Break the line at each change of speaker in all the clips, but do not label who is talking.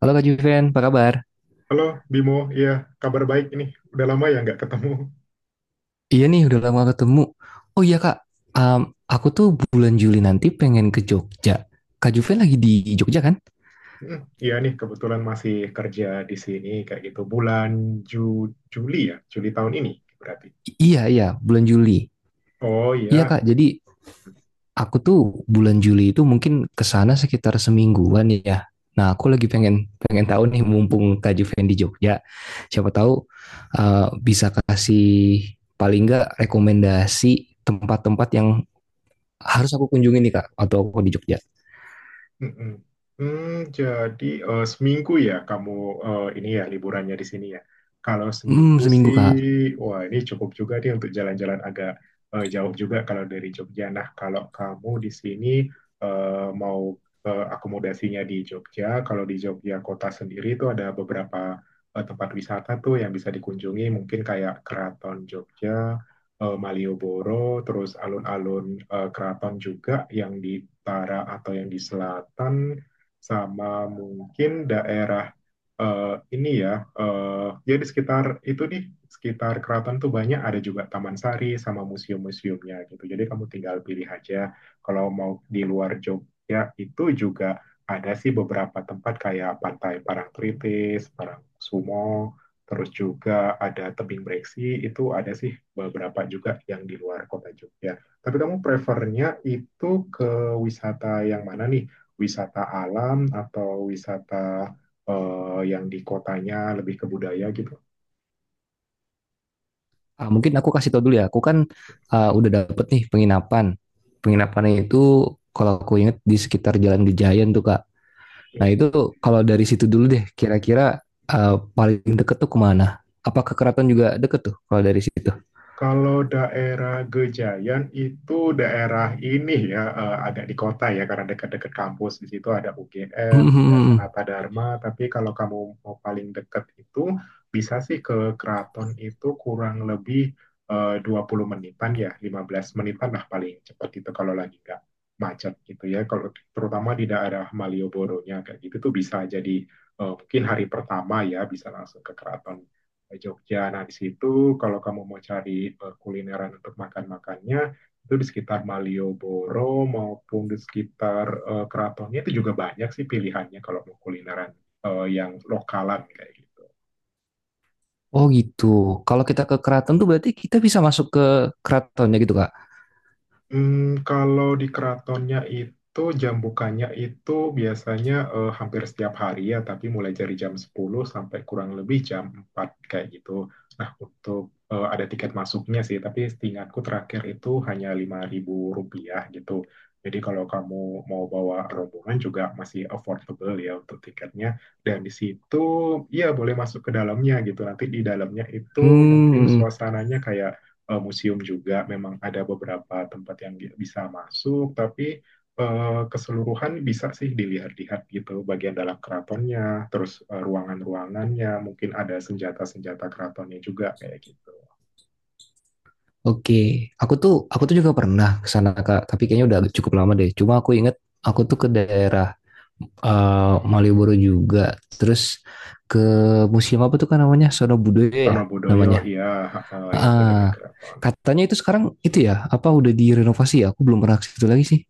Halo Kak Juven, apa kabar?
Halo Bimo, iya kabar baik ini. Udah lama ya nggak ketemu.
Iya nih, udah lama ketemu. Oh iya Kak, um, aku tuh bulan Juli nanti pengen ke Jogja. Kak Juven lagi di Jogja kan?
Hmm, iya nih kebetulan masih kerja di sini kayak gitu bulan Juli ya, Juli tahun ini berarti.
Iya, bulan Juli.
Oh,
Iya Kak,
iya.
jadi aku tuh bulan Juli itu mungkin ke sana sekitar semingguan ya. Nah, aku lagi pengen pengen tahu nih mumpung Kak Juven di Jogja, siapa tahu uh, bisa kasih paling nggak rekomendasi tempat-tempat yang harus aku kunjungi nih Kak, atau aku di Jogja.
Mm-mm. Jadi seminggu ya kamu ini ya liburannya di sini ya. Kalau
Hmm,
seminggu
seminggu
sih,
Kak.
wah ini cukup juga nih untuk jalan-jalan agak jauh juga kalau dari Jogja. Nah, kalau kamu di sini mau akomodasinya di Jogja, kalau di Jogja kota sendiri itu ada beberapa tempat wisata tuh yang bisa dikunjungi, mungkin kayak Keraton Jogja, Malioboro, terus alun-alun keraton juga yang di utara atau yang di selatan, sama mungkin daerah ini ya, ya di sekitar itu nih, sekitar keraton tuh banyak ada juga Taman Sari sama museum-museumnya gitu. Jadi kamu tinggal pilih aja kalau mau di luar Jogja itu juga ada sih beberapa tempat kayak Pantai Parangtritis, Parangsumo, terus juga ada tebing breksi, itu ada sih beberapa juga yang di luar kota Jogja. Tapi kamu prefernya itu ke wisata yang mana nih? Wisata alam atau wisata yang di kotanya lebih ke budaya gitu?
Ah, mungkin aku kasih tau dulu ya. Aku kan udah dapet nih penginapan. Penginapannya itu kalau aku inget di sekitar Jalan Gejayan tuh Kak. Nah itu kalau dari situ dulu deh. Kira-kira ah, paling deket tuh kemana? Apa ke keraton juga deket tuh kalau dari situ?
Kalau daerah Gejayan itu daerah ini ya, agak di kota ya, karena dekat-dekat kampus di situ ada UGM, ada
Hmm.
Sanata Dharma, tapi kalau kamu mau paling dekat itu bisa sih ke Keraton itu kurang lebih 20 menitan ya, 15 menitan lah paling cepat itu kalau lagi nggak macet gitu ya. Kalau terutama di daerah Malioboro-nya kayak gitu tuh bisa jadi mungkin hari pertama ya bisa langsung ke Keraton ke Jogja. Nah, di situ kalau kamu mau cari kulineran untuk makan-makannya, itu di sekitar Malioboro maupun di sekitar keratonnya itu juga banyak sih pilihannya kalau mau kulineran yang lokalan kayak gitu.
Oh gitu. Kalau kita ke keraton tuh berarti kita bisa masuk ke keratonnya gitu Kak.
Kalau di keratonnya itu jam bukanya itu biasanya hampir setiap hari ya, tapi mulai dari jam 10 sampai kurang lebih jam 4 kayak gitu. Nah, untuk ada tiket masuknya sih, tapi setingatku terakhir itu hanya Rp5.000 gitu. Jadi kalau kamu mau bawa rombongan juga masih affordable ya untuk tiketnya. Dan di situ ya boleh masuk ke dalamnya gitu. Nanti di dalamnya itu mungkin
Hmm.
suasananya kayak museum juga memang ada beberapa tempat yang bisa masuk, tapi keseluruhan bisa sih dilihat-lihat gitu bagian dalam keratonnya, terus ruangan-ruangannya, mungkin ada senjata-senjata keratonnya juga kayak gitu.
Oke, aku tuh juga pernah ke sana Kak, tapi kayaknya udah cukup lama deh. Cuma aku inget aku tuh ke daerah Malioboro juga. Terus ke museum apa tuh kan namanya? Sono Budoyo ya
Wonobudoyo,
namanya.
iya itu dekat
Ah,
keraton.
katanya itu sekarang itu ya, apa udah direnovasi ya? Aku belum pernah ke situ lagi sih.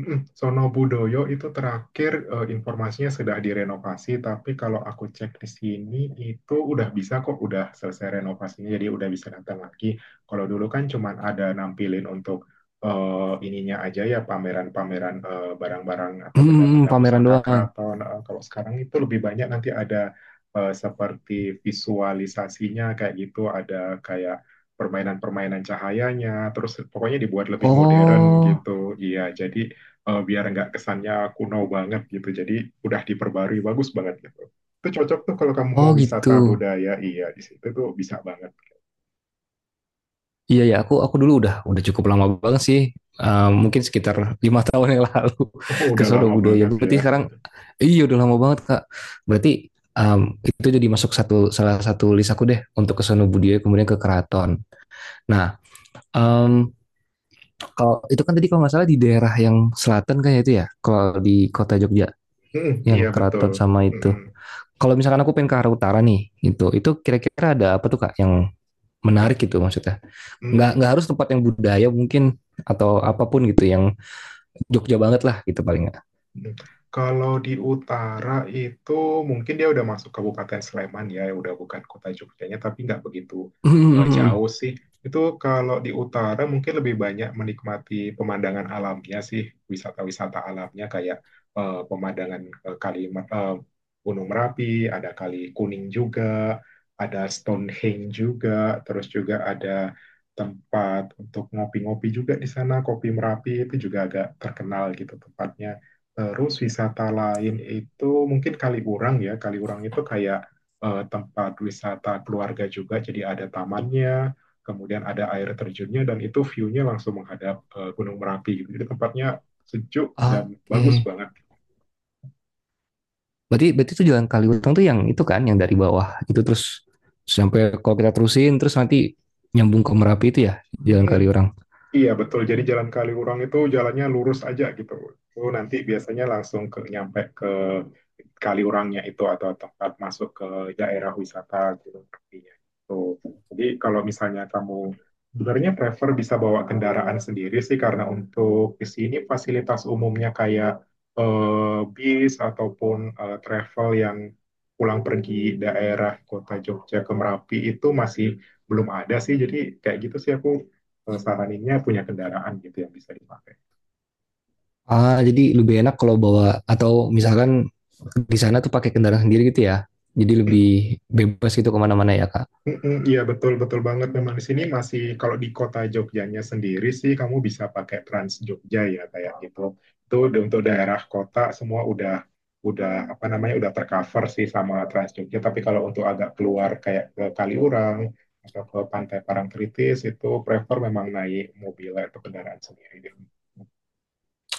Sono Budoyo itu terakhir informasinya sudah direnovasi, tapi kalau aku cek di sini itu udah bisa kok, udah selesai renovasinya, jadi udah bisa datang lagi. Kalau dulu kan cuman ada nampilin untuk ininya aja ya, pameran-pameran barang-barang atau
Hmm,
benda-benda
pameran
pusaka
doang.
keraton. Kalau sekarang itu lebih banyak nanti ada seperti visualisasinya kayak gitu, ada kayak permainan-permainan cahayanya, terus pokoknya dibuat lebih modern
Oh,
gitu. Iya, jadi biar nggak kesannya kuno banget gitu. Jadi udah diperbarui bagus banget gitu. Itu cocok tuh kalau kamu
oh
mau
gitu.
wisata budaya, iya di situ tuh bisa banget.
Iya ya, aku dulu udah cukup lama banget sih. Eh, mungkin sekitar 5 tahun yang lalu
Oh,
ke
udah
Sono
lama
Budoyo.
banget ya.
Berarti sekarang iya udah lama banget Kak. Berarti Um, itu jadi masuk satu salah satu list aku deh untuk ke Sono Budoyo kemudian ke Keraton. Nah, em, kalau itu kan tadi kalau nggak salah di daerah yang selatan kan ya itu ya, kalau di kota Jogja
Hmm,
yang
iya betul.
keraton sama itu.
Mm-mm.
Kalau misalkan aku pengen ke arah utara nih, gitu, itu kira-kira ada apa tuh Kak yang
Nah,
menarik gitu maksudnya? Nggak
mm,
nggak harus tempat yang budaya mungkin atau apapun gitu yang Jogja banget lah gitu paling nggak.
Hmm. kalau di utara itu mungkin dia udah masuk Kabupaten Sleman ya, ya udah bukan kota Jogjanya, tapi nggak begitu jauh sih. Itu kalau di utara mungkin lebih banyak menikmati pemandangan alamnya sih, wisata-wisata alamnya kayak pemandangan kali eh, Gunung Merapi, ada Kali Kuning juga, ada Stonehenge juga, terus juga ada tempat untuk ngopi-ngopi juga di sana, Kopi Merapi itu juga agak terkenal gitu tempatnya. Terus wisata lain itu mungkin Kaliurang ya. Kaliurang itu kayak tempat wisata keluarga juga. Jadi ada tamannya, kemudian ada air terjunnya dan itu view-nya langsung menghadap Gunung Merapi gitu. Jadi tempatnya sejuk dan
Oke,
bagus banget.
berarti berarti itu jalan Kaliutang tuh yang itu kan yang dari bawah itu terus sampai kalau kita terusin terus nanti nyambung ke Merapi itu ya jalan
Hmm,
Kaliurang.
iya betul. Jadi jalan Kaliurang itu jalannya lurus aja gitu. Itu nanti biasanya langsung ke nyampe ke Kaliurangnya itu atau tempat masuk ke daerah wisata Gunung Tepinya. Tuh. Jadi kalau misalnya kamu sebenarnya prefer bisa bawa kendaraan sendiri sih karena untuk di sini fasilitas umumnya kayak bis ataupun travel yang pulang pergi daerah kota Jogja ke Merapi itu masih belum ada sih. Jadi kayak gitu sih aku saraninnya punya kendaraan gitu yang bisa dipakai.
Ah, jadi lebih enak kalau bawa atau misalkan di sana tuh pakai kendaraan sendiri gitu ya. Jadi lebih bebas gitu kemana-mana ya kak.
Iya betul betul banget, memang di sini masih kalau di kota Jogjanya sendiri sih kamu bisa pakai Trans Jogja ya kayak gitu. Itu untuk daerah kota semua udah apa namanya udah tercover sih sama Trans Jogja. Tapi kalau untuk agak keluar kayak ke Kaliurang atau ke Pantai Parangtritis itu prefer memang naik mobil atau kendaraan sendiri.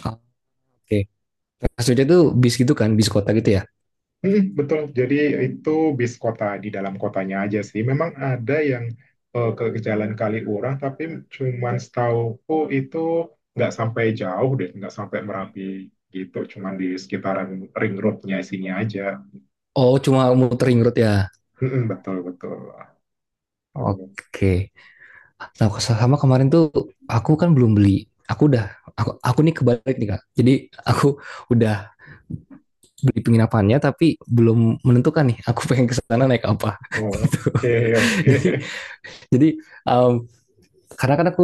Ah, oke. Maksudnya tuh bis gitu kan, bis kota gitu ya.
Mm, betul. Jadi itu bis kota di dalam kotanya aja sih. Memang ada yang ke Jalan Kaliurang, tapi cuman setauku itu nggak sampai jauh deh, nggak sampai Merapi gitu. Cuman di sekitaran ring roadnya sini aja.
Oh, cuma muter ring road ya.
Mm, betul betul.
Oke. Nah, sama kemarin tuh aku kan belum beli. Aku udah, aku nih kebalik nih kak. Jadi aku udah beli penginapannya tapi belum menentukan nih. Aku pengen ke sana naik apa.
Oh, oke oke.
Jadi, jadi, um, karena kan aku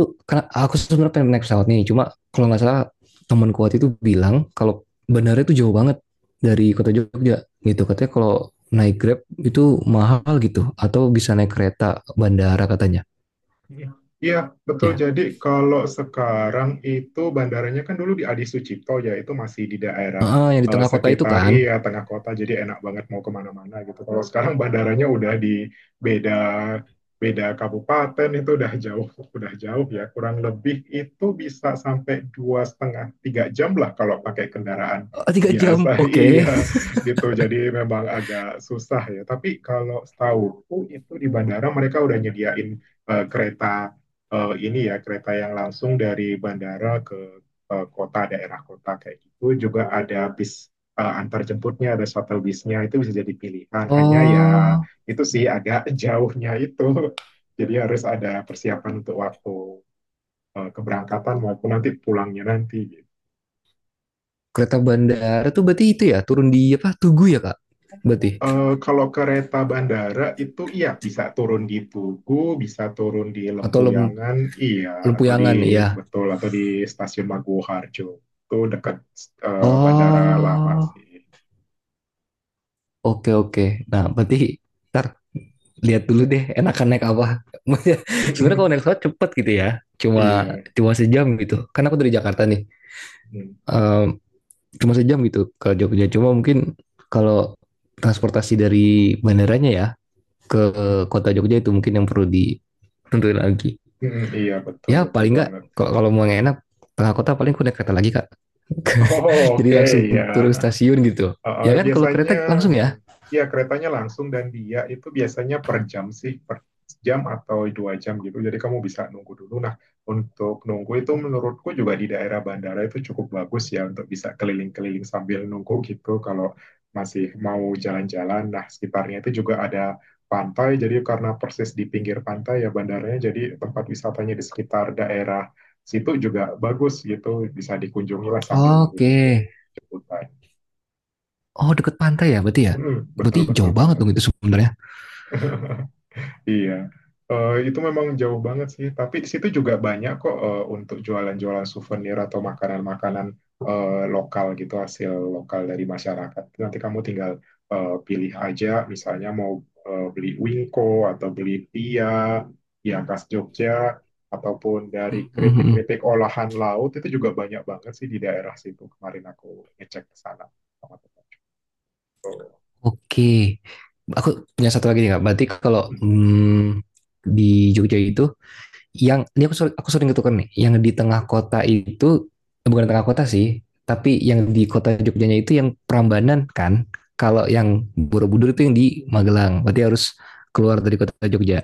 aku sebenarnya pengen naik pesawat nih cuma kalau nggak salah teman kuat itu bilang kalau bandara itu jauh banget dari kota Jogja gitu katanya kalau naik Grab itu mahal gitu atau bisa naik kereta bandara katanya
Iya, betul.
ya.
Jadi kalau sekarang itu bandaranya kan dulu di Adi Sucipto ya, itu masih di daerah
Ah, yang di tengah kota itu
sekitar
kan.
iya tengah kota, jadi enak banget mau kemana-mana gitu. Kalau sekarang bandaranya udah di beda beda kabupaten, itu udah jauh ya. Kurang lebih itu bisa sampai dua setengah tiga jam lah kalau pakai kendaraan
Ah, tiga
biasa,
jam, oke. Okay.
iya gitu. Jadi memang agak susah ya. Tapi kalau setahuku itu di bandara mereka udah nyediain kereta ini ya kereta yang langsung dari bandara ke kota daerah kota kayak gitu juga ada bis antar jemputnya, ada shuttle bisnya itu bisa jadi pilihan, hanya ya
oh
itu sih agak jauhnya itu jadi harus ada persiapan untuk waktu keberangkatan maupun nanti pulangnya nanti.
kereta bandara tuh berarti itu ya turun di apa Tugu ya kak, berarti,
Kalau kereta bandara itu iya bisa turun di Tugu, bisa turun di
atau Lem-
Lempuyangan, iya, atau di
Lempuyangan ya.
betul, atau di Stasiun Maguwoharjo. Itu dekat bandara lama
Oh,
sih.
oke. Okay, oke. Okay. Nah berarti kita lihat dulu deh enakan naik apa. Sebenarnya kalau naik pesawat cepet gitu ya, cuma
Iya.
cuma sejam gitu. Kan aku dari Jakarta nih,
Mm,
Ehm, cuma sejam gitu ke Jogja. Cuma mungkin kalau transportasi dari bandaranya ya ke
mm,
kota Jogja itu mungkin yang perlu ditentuin lagi.
mm, mm, iya betul
Ya
betul
paling nggak
banget.
kalau mau yang enak tengah kota paling aku naik kereta lagi kak.
Oh,
Jadi
oke
langsung
ya.
turun stasiun gitu.
Uh,
Ya kan kalau kereta
biasanya
langsung
mm,
ya.
ya keretanya langsung, dan dia itu biasanya per jam sih, per jam atau 2 jam gitu, jadi kamu bisa nunggu dulu. Nah, untuk nunggu itu menurutku juga di daerah bandara itu cukup bagus ya untuk bisa keliling-keliling sambil nunggu gitu kalau masih mau jalan-jalan. Nah, sekitarnya itu juga ada pantai, jadi karena persis di pinggir pantai ya bandaranya, jadi tempat wisatanya di sekitar daerah situ juga bagus gitu, bisa dikunjungi lah sambil
Oke.
nunggu-nunggu jemputan.
Oh deket pantai ya.
Hmm, betul
Berarti
betul
jauh banget
banget.
dong itu sebenarnya.
Iya. Itu memang jauh banget sih, tapi di situ juga banyak kok untuk jualan-jualan souvenir atau makanan-makanan lokal gitu, hasil lokal dari masyarakat. Nanti kamu tinggal pilih aja, misalnya mau beli wingko atau beli pia, ya khas Jogja, ataupun dari
Mm, mm, mm.
keripik-keripik olahan laut itu juga banyak banget sih di daerah situ. Kemarin aku ngecek ke sana sama teman. Tuh.
Oke, aku punya satu lagi nih kak. Berarti kalau hmm, di Jogja itu, yang ini aku sering ketukar nih, yang di tengah kota itu, bukan tengah kota sih, tapi yang di kota Jogjanya itu yang Prambanan kan. Kalau yang Borobudur itu yang di Magelang. Berarti harus keluar dari kota Jogja.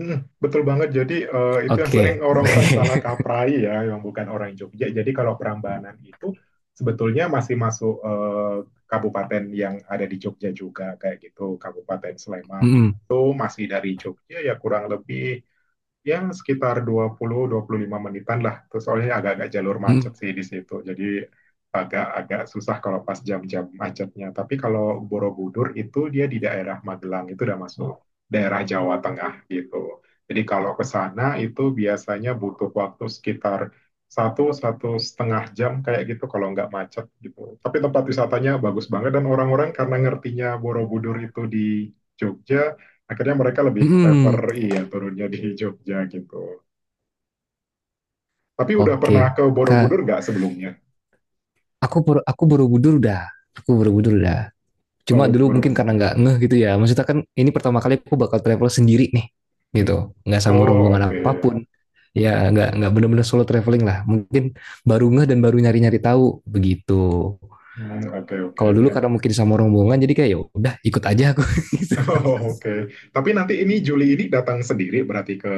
Mm, betul banget. Jadi itu yang sering
Oke.
orang-orang salah kaprai ya, yang bukan orang Jogja. Jadi kalau Prambanan itu sebetulnya masih masuk kabupaten yang ada di Jogja juga kayak gitu, Kabupaten Sleman. Nah,
Mm-mm.
itu masih dari Jogja ya kurang lebih ya sekitar dua 20 sampai 25 menitan lah. Terus soalnya agak-agak jalur macet
Mm-mm.
sih di situ. Jadi agak-agak susah kalau pas jam-jam macetnya. Tapi kalau Borobudur itu dia di daerah Magelang itu udah masuk daerah Jawa Tengah gitu. Jadi kalau ke sana itu biasanya butuh waktu sekitar satu 1,5 jam kayak gitu kalau nggak macet gitu. Tapi tempat wisatanya bagus banget, dan orang-orang karena ngertinya Borobudur itu di Jogja, akhirnya mereka lebih
Mm.
prefer
Mm-mm.
iya turunnya di Jogja gitu. Tapi udah pernah
Oke,
ke Borobudur
kak.
nggak sebelumnya?
Aku Bor- aku Borobudur udah. Aku Borobudur udah. Cuma
Oh,
dulu mungkin karena
belum.
nggak ngeh gitu ya. Maksudnya kan ini pertama kali aku bakal travel sendiri nih
Mm-mm.
gitu. Nggak sama
Oh,
rombongan
oke.
apapun. Ya nggak benar-benar solo traveling lah. Mungkin baru ngeh dan baru nyari-nyari tahu begitu.
Hmm, oke, oke,
Kalau dulu
oke.
karena mungkin sama rombongan jadi kayak ya udah ikut aja aku.
Oh, oke. Tapi nanti ini Juli ini datang sendiri berarti ke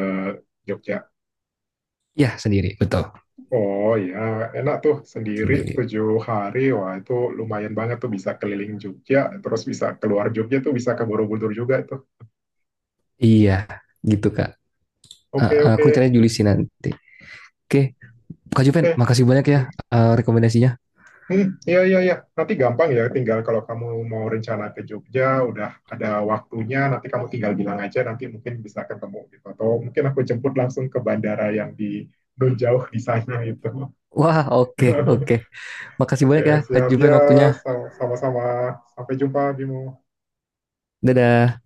Jogja.
Ya sendiri betul
Oh ya, enak tuh sendiri
sendiri.
7 hari. Wah, itu lumayan banget tuh bisa keliling Jogja, terus bisa keluar Jogja tuh bisa ke Borobudur juga tuh.
Iya gitu kak. Eh,
Oke,
aku
oke.
caranya Julisi nanti. Oke, Kak Juven,
Oke.
makasih banyak ya eh, rekomendasinya.
Hmm, iya, iya, iya. Nanti gampang ya, tinggal kalau kamu mau rencana ke Jogja, udah ada waktunya, nanti kamu tinggal bilang aja, nanti mungkin bisa ketemu gitu. Atau mungkin aku jemput langsung ke bandara yang di non jauh di sana gitu.
Wah, oke, oke. Makasih
Oke,
banyak ya, Kak
siap ya.
Juven waktunya.
Sama-sama. Sampai jumpa, Bimo.
Dadah.